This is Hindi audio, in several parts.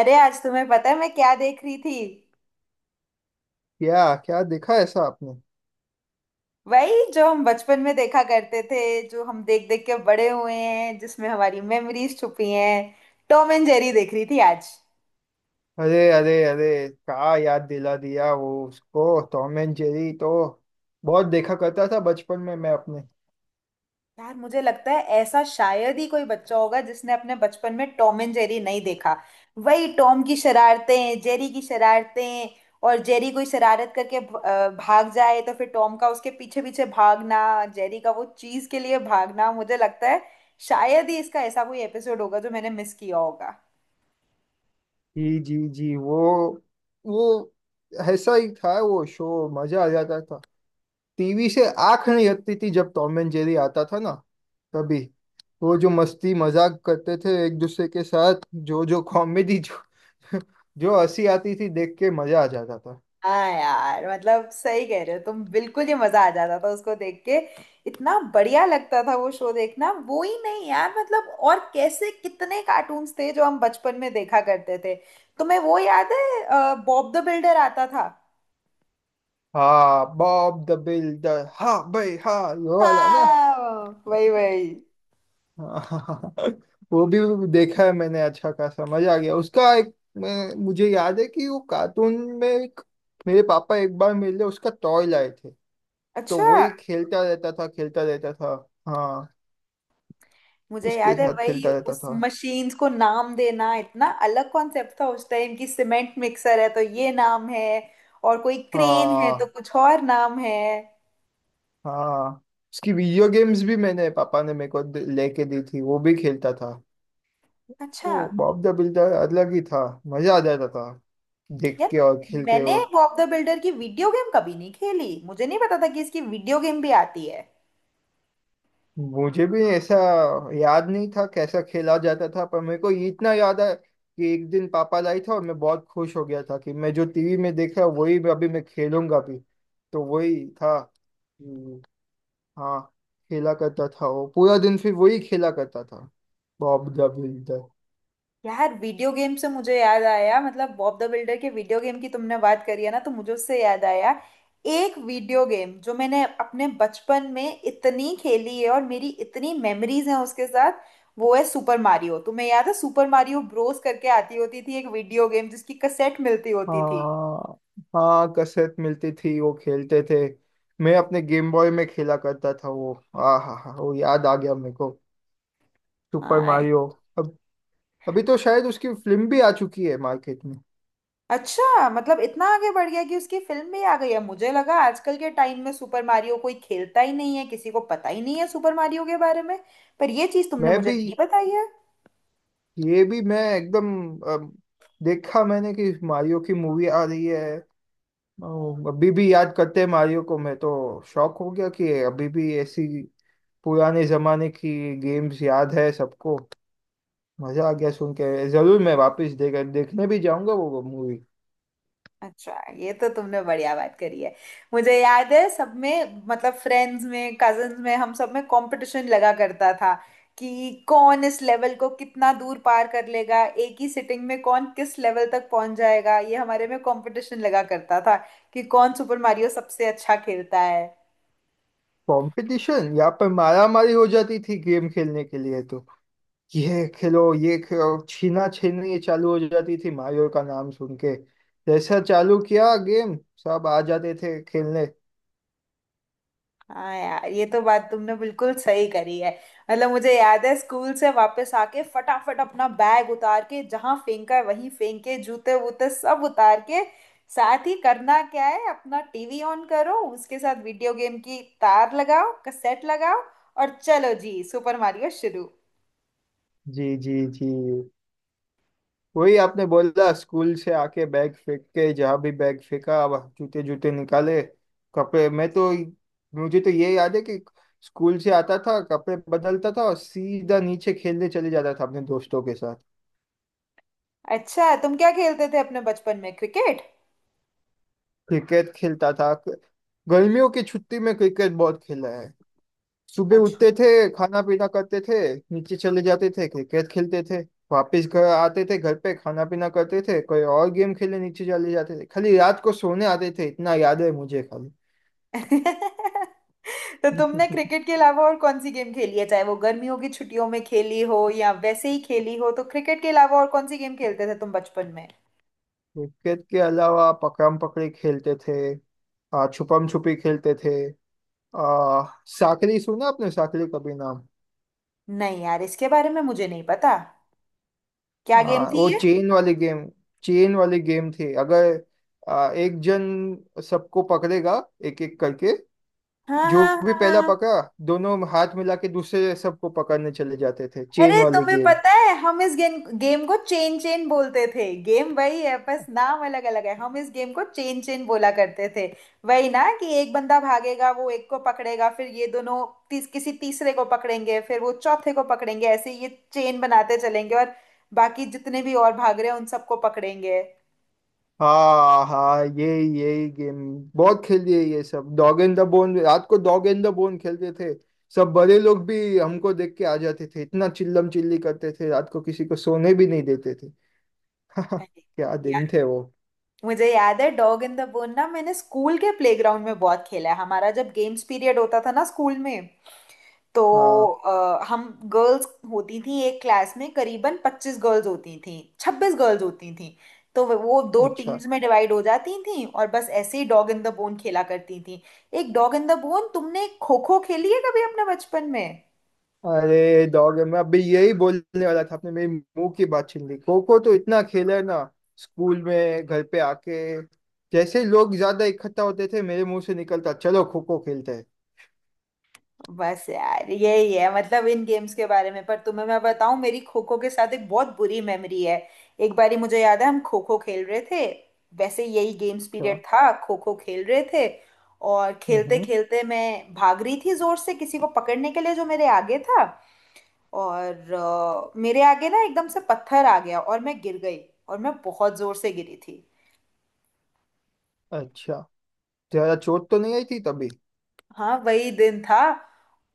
अरे, आज तुम्हें पता है मैं क्या देख रही थी? क्या क्या देखा ऐसा आपने। वही जो हम बचपन में देखा करते थे, जो हम देख देख के बड़े हुए हैं, जिसमें हमारी मेमोरीज छुपी हैं। टॉम एंड जेरी देख रही थी आज। अरे अरे अरे, क्या याद दिला दिया वो उसको। टॉम एंड जेरी तो बहुत देखा करता था बचपन में मैं अपने। यार, मुझे लगता है ऐसा शायद ही कोई बच्चा होगा जिसने अपने बचपन में टॉम एंड जेरी नहीं देखा। वही टॉम की शरारतें, जेरी की शरारतें, और जेरी कोई शरारत करके भाग जाए तो फिर टॉम का उसके पीछे पीछे भागना, जेरी का वो चीज के लिए भागना। मुझे लगता है शायद ही इसका ऐसा कोई एपिसोड होगा जो मैंने मिस किया होगा। जी जी जी, वो ऐसा ही था वो शो, मजा आ जाता था। टीवी से आंख नहीं हटती थी जब टॉम एंड जेरी आता था ना। तभी वो जो मस्ती मजाक करते थे एक दूसरे के साथ, जो जो कॉमेडी, जो जो हंसी आती थी देख के, मजा आ जाता था। हाँ यार, मतलब सही कह रहे हो तुम, बिल्कुल ही मजा आ जाता था उसको देख के। इतना बढ़िया लगता था वो शो देखना। वो ही नहीं यार, मतलब और कैसे कितने कार्टून्स थे जो हम बचपन में देखा करते थे। तुम्हें वो याद है, बॉब द बिल्डर आता था? हाँ, बॉब द बिल्डर, हाँ भाई, हाँ ये वाला ना। हाँ, वही वही। हाँ, वो भी देखा है मैंने, अच्छा खासा मजा आ गया उसका। मुझे याद है कि वो कार्टून में एक मेरे पापा एक बार मेरे लिए उसका टॉय लाए थे। तो अच्छा। वही खेलता रहता था खेलता रहता था। हाँ, मुझे उसके याद है साथ वही खेलता रहता उस था। मशीन्स को नाम देना इतना अलग कॉन्सेप्ट था उस टाइम की, सीमेंट मिक्सर है तो ये नाम है, और कोई क्रेन है तो हाँ कुछ और नाम है। हाँ, उसकी वीडियो गेम्स भी मैंने पापा ने मेरे को लेके दी थी, वो भी खेलता था। अच्छा। वो बॉब द बिल्डर अलग ही था, मजा आ जाता था देख यार, के और खेलते मैंने हो। बॉब द बिल्डर की वीडियो गेम कभी नहीं खेली, मुझे नहीं पता था कि इसकी वीडियो गेम भी आती है। मुझे भी ऐसा याद नहीं था कैसा खेला जाता था, पर मेरे को ये इतना याद है कि एक दिन पापा लाई था और मैं बहुत खुश हो गया था कि मैं जो टीवी में देख रहा हूँ वही अभी मैं खेलूंगा भी। तो वही था। हम्म, हाँ, खेला करता था वो पूरा दिन, फिर वही खेला करता था बॉब द बिल्डर। यार, वीडियो गेम से मुझे याद आया, मतलब बॉब द बिल्डर के वीडियो गेम की तुमने बात करी है ना, तो मुझे उससे याद आया एक वीडियो गेम जो मैंने अपने बचपन में इतनी खेली है और मेरी इतनी मेमोरीज हैं उसके साथ। वो है सुपर मारियो। तुम्हें याद है सुपर मारियो ब्रोस करके आती होती थी एक वीडियो गेम जिसकी कैसेट मिलती होती थी? हाँ हाँ, कसरत मिलती थी, वो खेलते थे। मैं अपने गेम बॉय में खेला करता था वो, आ हा हा, वो याद आ गया मेरे को, सुपर हाँ। मारियो। अभी तो शायद उसकी फिल्म भी आ चुकी है मार्केट में। अच्छा, मतलब इतना आगे बढ़ गया कि उसकी फिल्म भी आ गई है। मुझे लगा आजकल के टाइम में सुपर मारियो कोई खेलता ही नहीं है, किसी को पता ही नहीं है सुपर मारियो के बारे में। पर ये चीज तुमने मैं मुझे भी नहीं बताई है। ये भी मैं एकदम अम, देखा मैंने कि मारियो की मूवी आ रही है। अभी भी याद करते हैं मारियो को, मैं तो शॉक हो गया कि अभी भी ऐसी पुराने जमाने की गेम्स याद है सबको। मजा आ गया सुन के, जरूर मैं वापस देखने भी जाऊंगा वो मूवी। अच्छा, ये तो तुमने बढ़िया बात करी है। मुझे याद है सब में, मतलब फ्रेंड्स में, कजन्स में, हम सब में कंपटीशन लगा करता था कि कौन इस लेवल को कितना दूर पार कर लेगा एक ही सिटिंग में, कौन किस लेवल तक पहुंच जाएगा। ये हमारे में कंपटीशन लगा करता था कि कौन सुपर मारियो सबसे अच्छा खेलता है। कंपटीशन, यहाँ पर मारा मारी हो जाती थी गेम खेलने के लिए। तो ये खेलो छीना छीनी चालू हो जाती थी मायूर का नाम सुन के। जैसा चालू किया गेम, सब आ जाते थे खेलने। हाँ यार, ये तो बात तुमने बिल्कुल सही करी है। मतलब मुझे याद है, स्कूल से वापस आके फटाफट अपना बैग उतार के जहाँ फेंका है वहीं फेंक के, जूते वूते सब उतार के, साथ ही करना क्या है, अपना टीवी ऑन करो, उसके साथ वीडियो गेम की तार लगाओ, कैसेट लगाओ, और चलो जी, सुपर मारियो शुरू। जी जी जी, वही आपने बोला, स्कूल से आके बैग फेंक के जहाँ भी बैग फेंका, अब जूते जूते निकाले कपड़े। मैं तो मुझे तो ये याद है कि स्कूल से आता था कपड़े बदलता था और सीधा नीचे खेलने चले जाता था अपने दोस्तों के साथ। अच्छा, तुम क्या खेलते थे अपने बचपन में? क्रिकेट? क्रिकेट खेलता था, गर्मियों की छुट्टी में क्रिकेट बहुत खेला है। सुबह अच्छा। उठते थे, खाना पीना करते थे, नीचे चले जाते थे, क्रिकेट खेलते थे, वापस घर आते थे, घर पे खाना पीना करते थे, कोई और गेम खेलने नीचे चले जाते थे, खाली रात को सोने आते थे, इतना याद है मुझे खाली। अच्छा, तो तुमने क्रिकेट के अलावा और कौन सी गेम खेली है? चाहे वो गर्मियों की छुट्टियों में खेली हो या वैसे ही खेली हो, तो क्रिकेट के अलावा और कौन सी गेम खेलते थे तुम बचपन में? क्रिकेट के अलावा पकड़म पकड़ी खेलते थे, छुपम छुपी खेलते थे। आ, साकरी, सुना आपने साकरी कभी नाम? नहीं यार, इसके बारे में मुझे नहीं पता। क्या गेम थी वो ये? चेन वाली गेम, चेन वाली गेम थी। अगर एक जन सबको पकड़ेगा एक एक करके, हाँ जो हाँ भी हाँ पहला हाँ। पकड़ा दोनों हाथ मिला के दूसरे सबको पकड़ने चले जाते थे, चेन अरे, वाली तुम्हें गेम। पता है हम इस गेम गेम को चेन चेन बोलते थे? गेम वही है, बस नाम अलग अलग है। हम इस गेम को चेन चेन बोला करते थे। वही ना कि एक बंदा भागेगा, वो एक को पकड़ेगा, फिर ये दोनों किसी तीसरे को पकड़ेंगे, फिर वो चौथे को पकड़ेंगे, ऐसे ये चेन बनाते चलेंगे, और बाकी जितने भी और भाग रहे हैं उन सबको पकड़ेंगे। हाँ हाँ, यही यही गेम बहुत खेलिए ये सब। डॉग एंड द बोन, रात को डॉग एंड द बोन खेलते थे। सब बड़े लोग भी हमको देख के आ जाते थे, इतना चिल्लम चिल्ली करते थे रात को, किसी को सोने भी नहीं देते थे। अरे क्या दिन यार, थे वो। मुझे याद है डॉग इन द बोन ना, मैंने स्कूल के प्लेग्राउंड में बहुत खेला है। हमारा जब गेम्स पीरियड होता था ना स्कूल में, तो हाँ। हम गर्ल्स होती थी एक क्लास में, करीबन 25 गर्ल्स होती थी, 26 गर्ल्स होती थी, तो वो दो अच्छा। टीम्स में डिवाइड हो जाती थी और बस ऐसे ही डॉग इन द बोन खेला करती थी। एक डॉग इन द बोन। तुमने खो खो खेली है कभी अपने बचपन में? अरे डॉग, मैं अभी यही बोलने वाला था, आपने मेरी मुंह की बात छीन ली। खो खो तो इतना खेला है ना, स्कूल में, घर पे आके जैसे ही लोग ज्यादा इकट्ठा होते थे मेरे मुंह से निकलता चलो खो खो खेलते हैं। बस यार, यही है मतलब इन गेम्स के बारे में। पर तुम्हें मैं बताऊं, मेरी खो खो के साथ एक बहुत बुरी मेमोरी है। एक बारी मुझे याद है, हम खो खो खेल रहे थे, वैसे यही गेम्स अच्छा। पीरियड था, खो खो खेल रहे थे, और खेलते हम्म। खेलते मैं भाग रही थी जोर से किसी को पकड़ने के लिए जो मेरे आगे था, और मेरे आगे ना एकदम से पत्थर आ गया और मैं गिर गई। और मैं बहुत जोर से गिरी थी। अच्छा, जरा चोट तो नहीं आई थी तभी? हाँ, वही दिन था।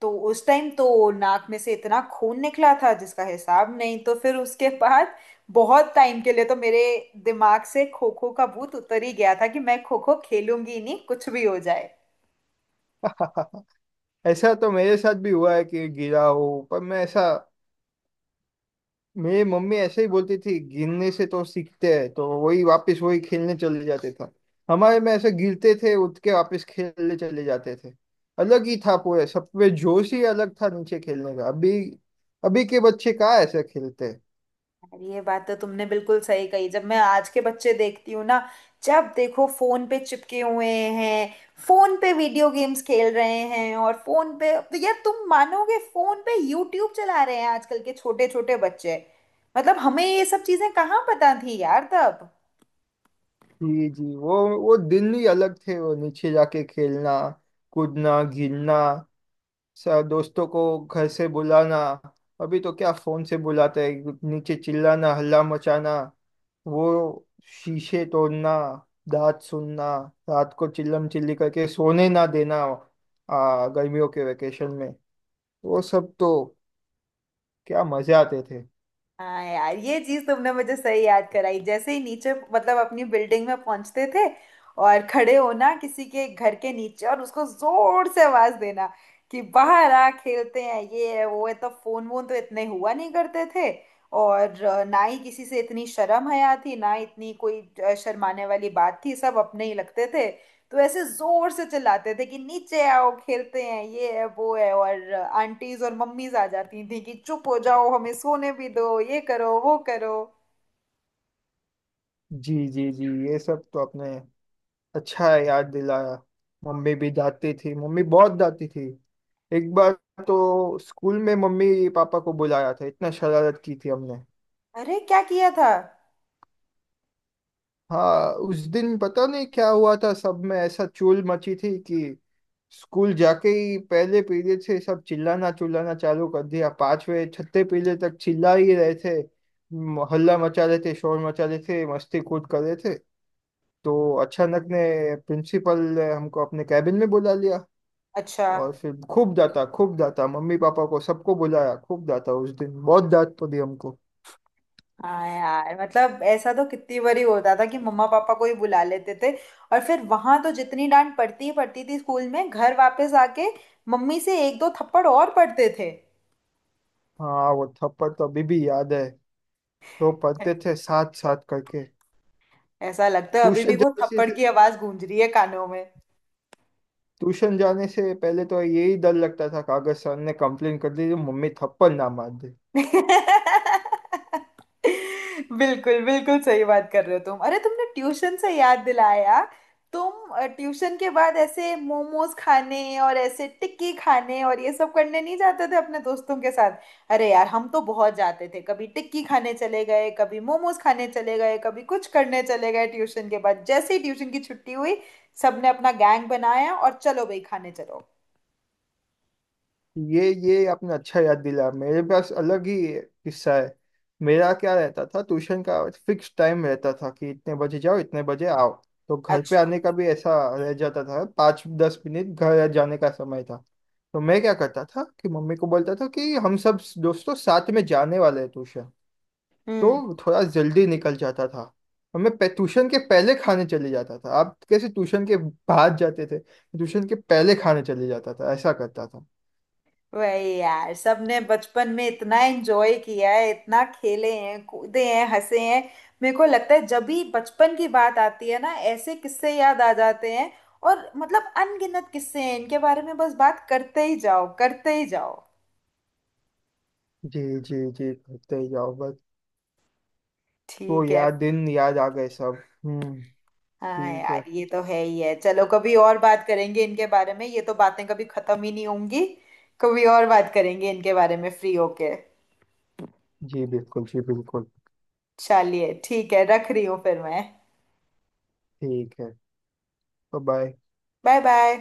तो उस टाइम तो नाक में से इतना खून निकला था जिसका हिसाब नहीं। तो फिर उसके बाद बहुत टाइम के लिए तो मेरे दिमाग से खो खो का भूत उतर ही गया था कि मैं खो खो खेलूंगी ही नहीं कुछ भी हो जाए। ऐसा तो मेरे साथ भी हुआ है कि गिरा हो, पर मैं ऐसा, मेरी मम्मी ऐसे ही बोलती थी गिरने से तो सीखते हैं, तो वही वापस वही खेलने चले जाते था। हमारे में ऐसे गिरते थे उठ के वापस खेलने चले जाते थे, अलग ही था पूरे, सब पे जोश ही अलग था नीचे खेलने का। अभी, अभी के बच्चे कहाँ ऐसे खेलते हैं। ये बात तो तुमने बिल्कुल सही कही। जब मैं आज के बच्चे देखती हूँ ना, जब देखो फोन पे चिपके हुए हैं, फोन पे वीडियो गेम्स खेल रहे हैं, और फोन पे तो यार तुम मानोगे, फोन पे यूट्यूब चला रहे हैं आजकल के छोटे छोटे बच्चे। मतलब हमें ये सब चीजें कहाँ पता थी यार तब। जी जी, वो दिन ही अलग थे, वो नीचे जाके खेलना कूदना गिरना, सर दोस्तों को घर से बुलाना, अभी तो क्या फोन से बुलाते हैं, नीचे चिल्लाना हल्ला मचाना, वो शीशे तोड़ना, दांत सुनना, रात को चिल्लम चिल्ली करके सोने ना देना, गर्मियों के वेकेशन में वो सब तो, क्या मजे आते थे। हाँ यार, ये चीज तुमने मुझे सही याद कराई। जैसे ही नीचे मतलब अपनी बिल्डिंग में पहुंचते थे, और खड़े होना किसी के घर के नीचे और उसको जोर से आवाज देना कि बाहर आ खेलते हैं ये है वो है। तो फोन वोन तो इतने हुआ नहीं करते थे। और ना ही किसी से इतनी शर्म हया थी, ना इतनी कोई शर्माने वाली बात थी, सब अपने ही लगते थे। तो ऐसे जोर से चिल्लाते थे कि नीचे आओ खेलते हैं ये है वो है, और आंटीज और मम्मीज आ जाती थी कि चुप हो जाओ हमें सोने भी दो, ये करो वो करो। जी जी जी, ये सब तो आपने अच्छा है याद दिलाया। मम्मी भी डांटती थी, मम्मी बहुत डांटती थी। एक बार तो स्कूल में मम्मी पापा को बुलाया था, इतना शरारत की थी हमने। अरे, क्या किया था? हाँ, उस दिन पता नहीं क्या हुआ था, सब में ऐसा चूल मची थी कि स्कूल जाके ही पहले पीरियड से सब चिल्लाना चिल्लाना चालू कर दिया, पांचवे छठे पीरियड तक चिल्ला ही रहे थे, हल्ला मचा रहे थे, शोर मचा रहे थे, मस्ती कूद कर रहे थे। तो अचानक ने प्रिंसिपल ने हमको अपने कैबिन में बुला लिया अच्छा। और फिर खूब डांटा खूब डांटा, मम्मी पापा को सबको बुलाया, खूब डांटा, उस दिन बहुत डांट पड़ी हमको। हाँ यार, मतलब ऐसा तो कितनी बारी होता था कि मम्मा पापा को ही बुला लेते थे। और फिर वहां तो जितनी डांट पड़ती ही पड़ती थी स्कूल में, घर वापस आके मम्मी से एक दो थप्पड़ और पड़ते थे। हाँ वो थप्पड़ तो अभी भी याद है, तो पढ़ते थे साथ साथ करके। ऐसा लगता है अभी भी ट्यूशन वो जाने से थप्पड़ से- की आवाज गूंज रही है कानों में। ट्यूशन जाने से पहले तो यही डर लगता था कागज सर ने कंप्लेन कर दी तो मम्मी थप्पड़ ना मार दे। बिल्कुल बिल्कुल सही बात कर रहे हो तुम। अरे, तुमने ट्यूशन से याद दिलाया। तुम ट्यूशन के बाद ऐसे मोमोज खाने और ऐसे टिक्की खाने और ये सब करने नहीं जाते थे अपने दोस्तों के साथ? अरे यार, हम तो बहुत जाते थे। कभी टिक्की खाने चले गए, कभी मोमोज खाने चले गए, कभी कुछ करने चले गए ट्यूशन के बाद। जैसे ही ट्यूशन की छुट्टी हुई, सबने अपना गैंग बनाया और चलो भाई खाने चलो। ये आपने अच्छा याद दिला, मेरे पास अलग ही किस्सा है। मेरा क्या रहता था, ट्यूशन का फिक्स टाइम रहता था कि इतने बजे जाओ इतने बजे आओ, तो घर पे अच्छा। आने का भी ऐसा रह जाता था 5-10 मिनट घर जाने का समय था। तो मैं क्या करता था कि मम्मी को बोलता था कि हम सब दोस्तों साथ में जाने वाले हैं ट्यूशन, हम्म। तो थोड़ा जल्दी निकल जाता था। और ट्यूशन के पहले खाने चले जाता था। आप कैसे ट्यूशन के बाद जाते थे, ट्यूशन के पहले खाने चले जाता था, ऐसा करता था। वही यार, सबने बचपन में इतना एंजॉय किया है, इतना खेले हैं, कूदे हैं, हंसे हैं। मेरे को लगता है जब भी बचपन की बात आती है ना, ऐसे किस्से याद आ जाते हैं। और मतलब अनगिनत किस्से हैं इनके बारे में, बस बात करते ही जाओ करते ही जाओ। जी जी जी, करते ही जाओ बस। तो ठीक है। यार दिन याद आ गए सब। हम्म। हाँ ठीक यार, है। ये तो है ही है। चलो कभी और बात करेंगे इनके बारे में, ये तो बातें कभी खत्म ही नहीं होंगी। कभी और बात करेंगे इनके बारे में फ्री होके। जी बिल्कुल जी बिल्कुल। चलिए ठीक है, रख रही हूँ फिर मैं। ठीक है। बाय। Bye bye.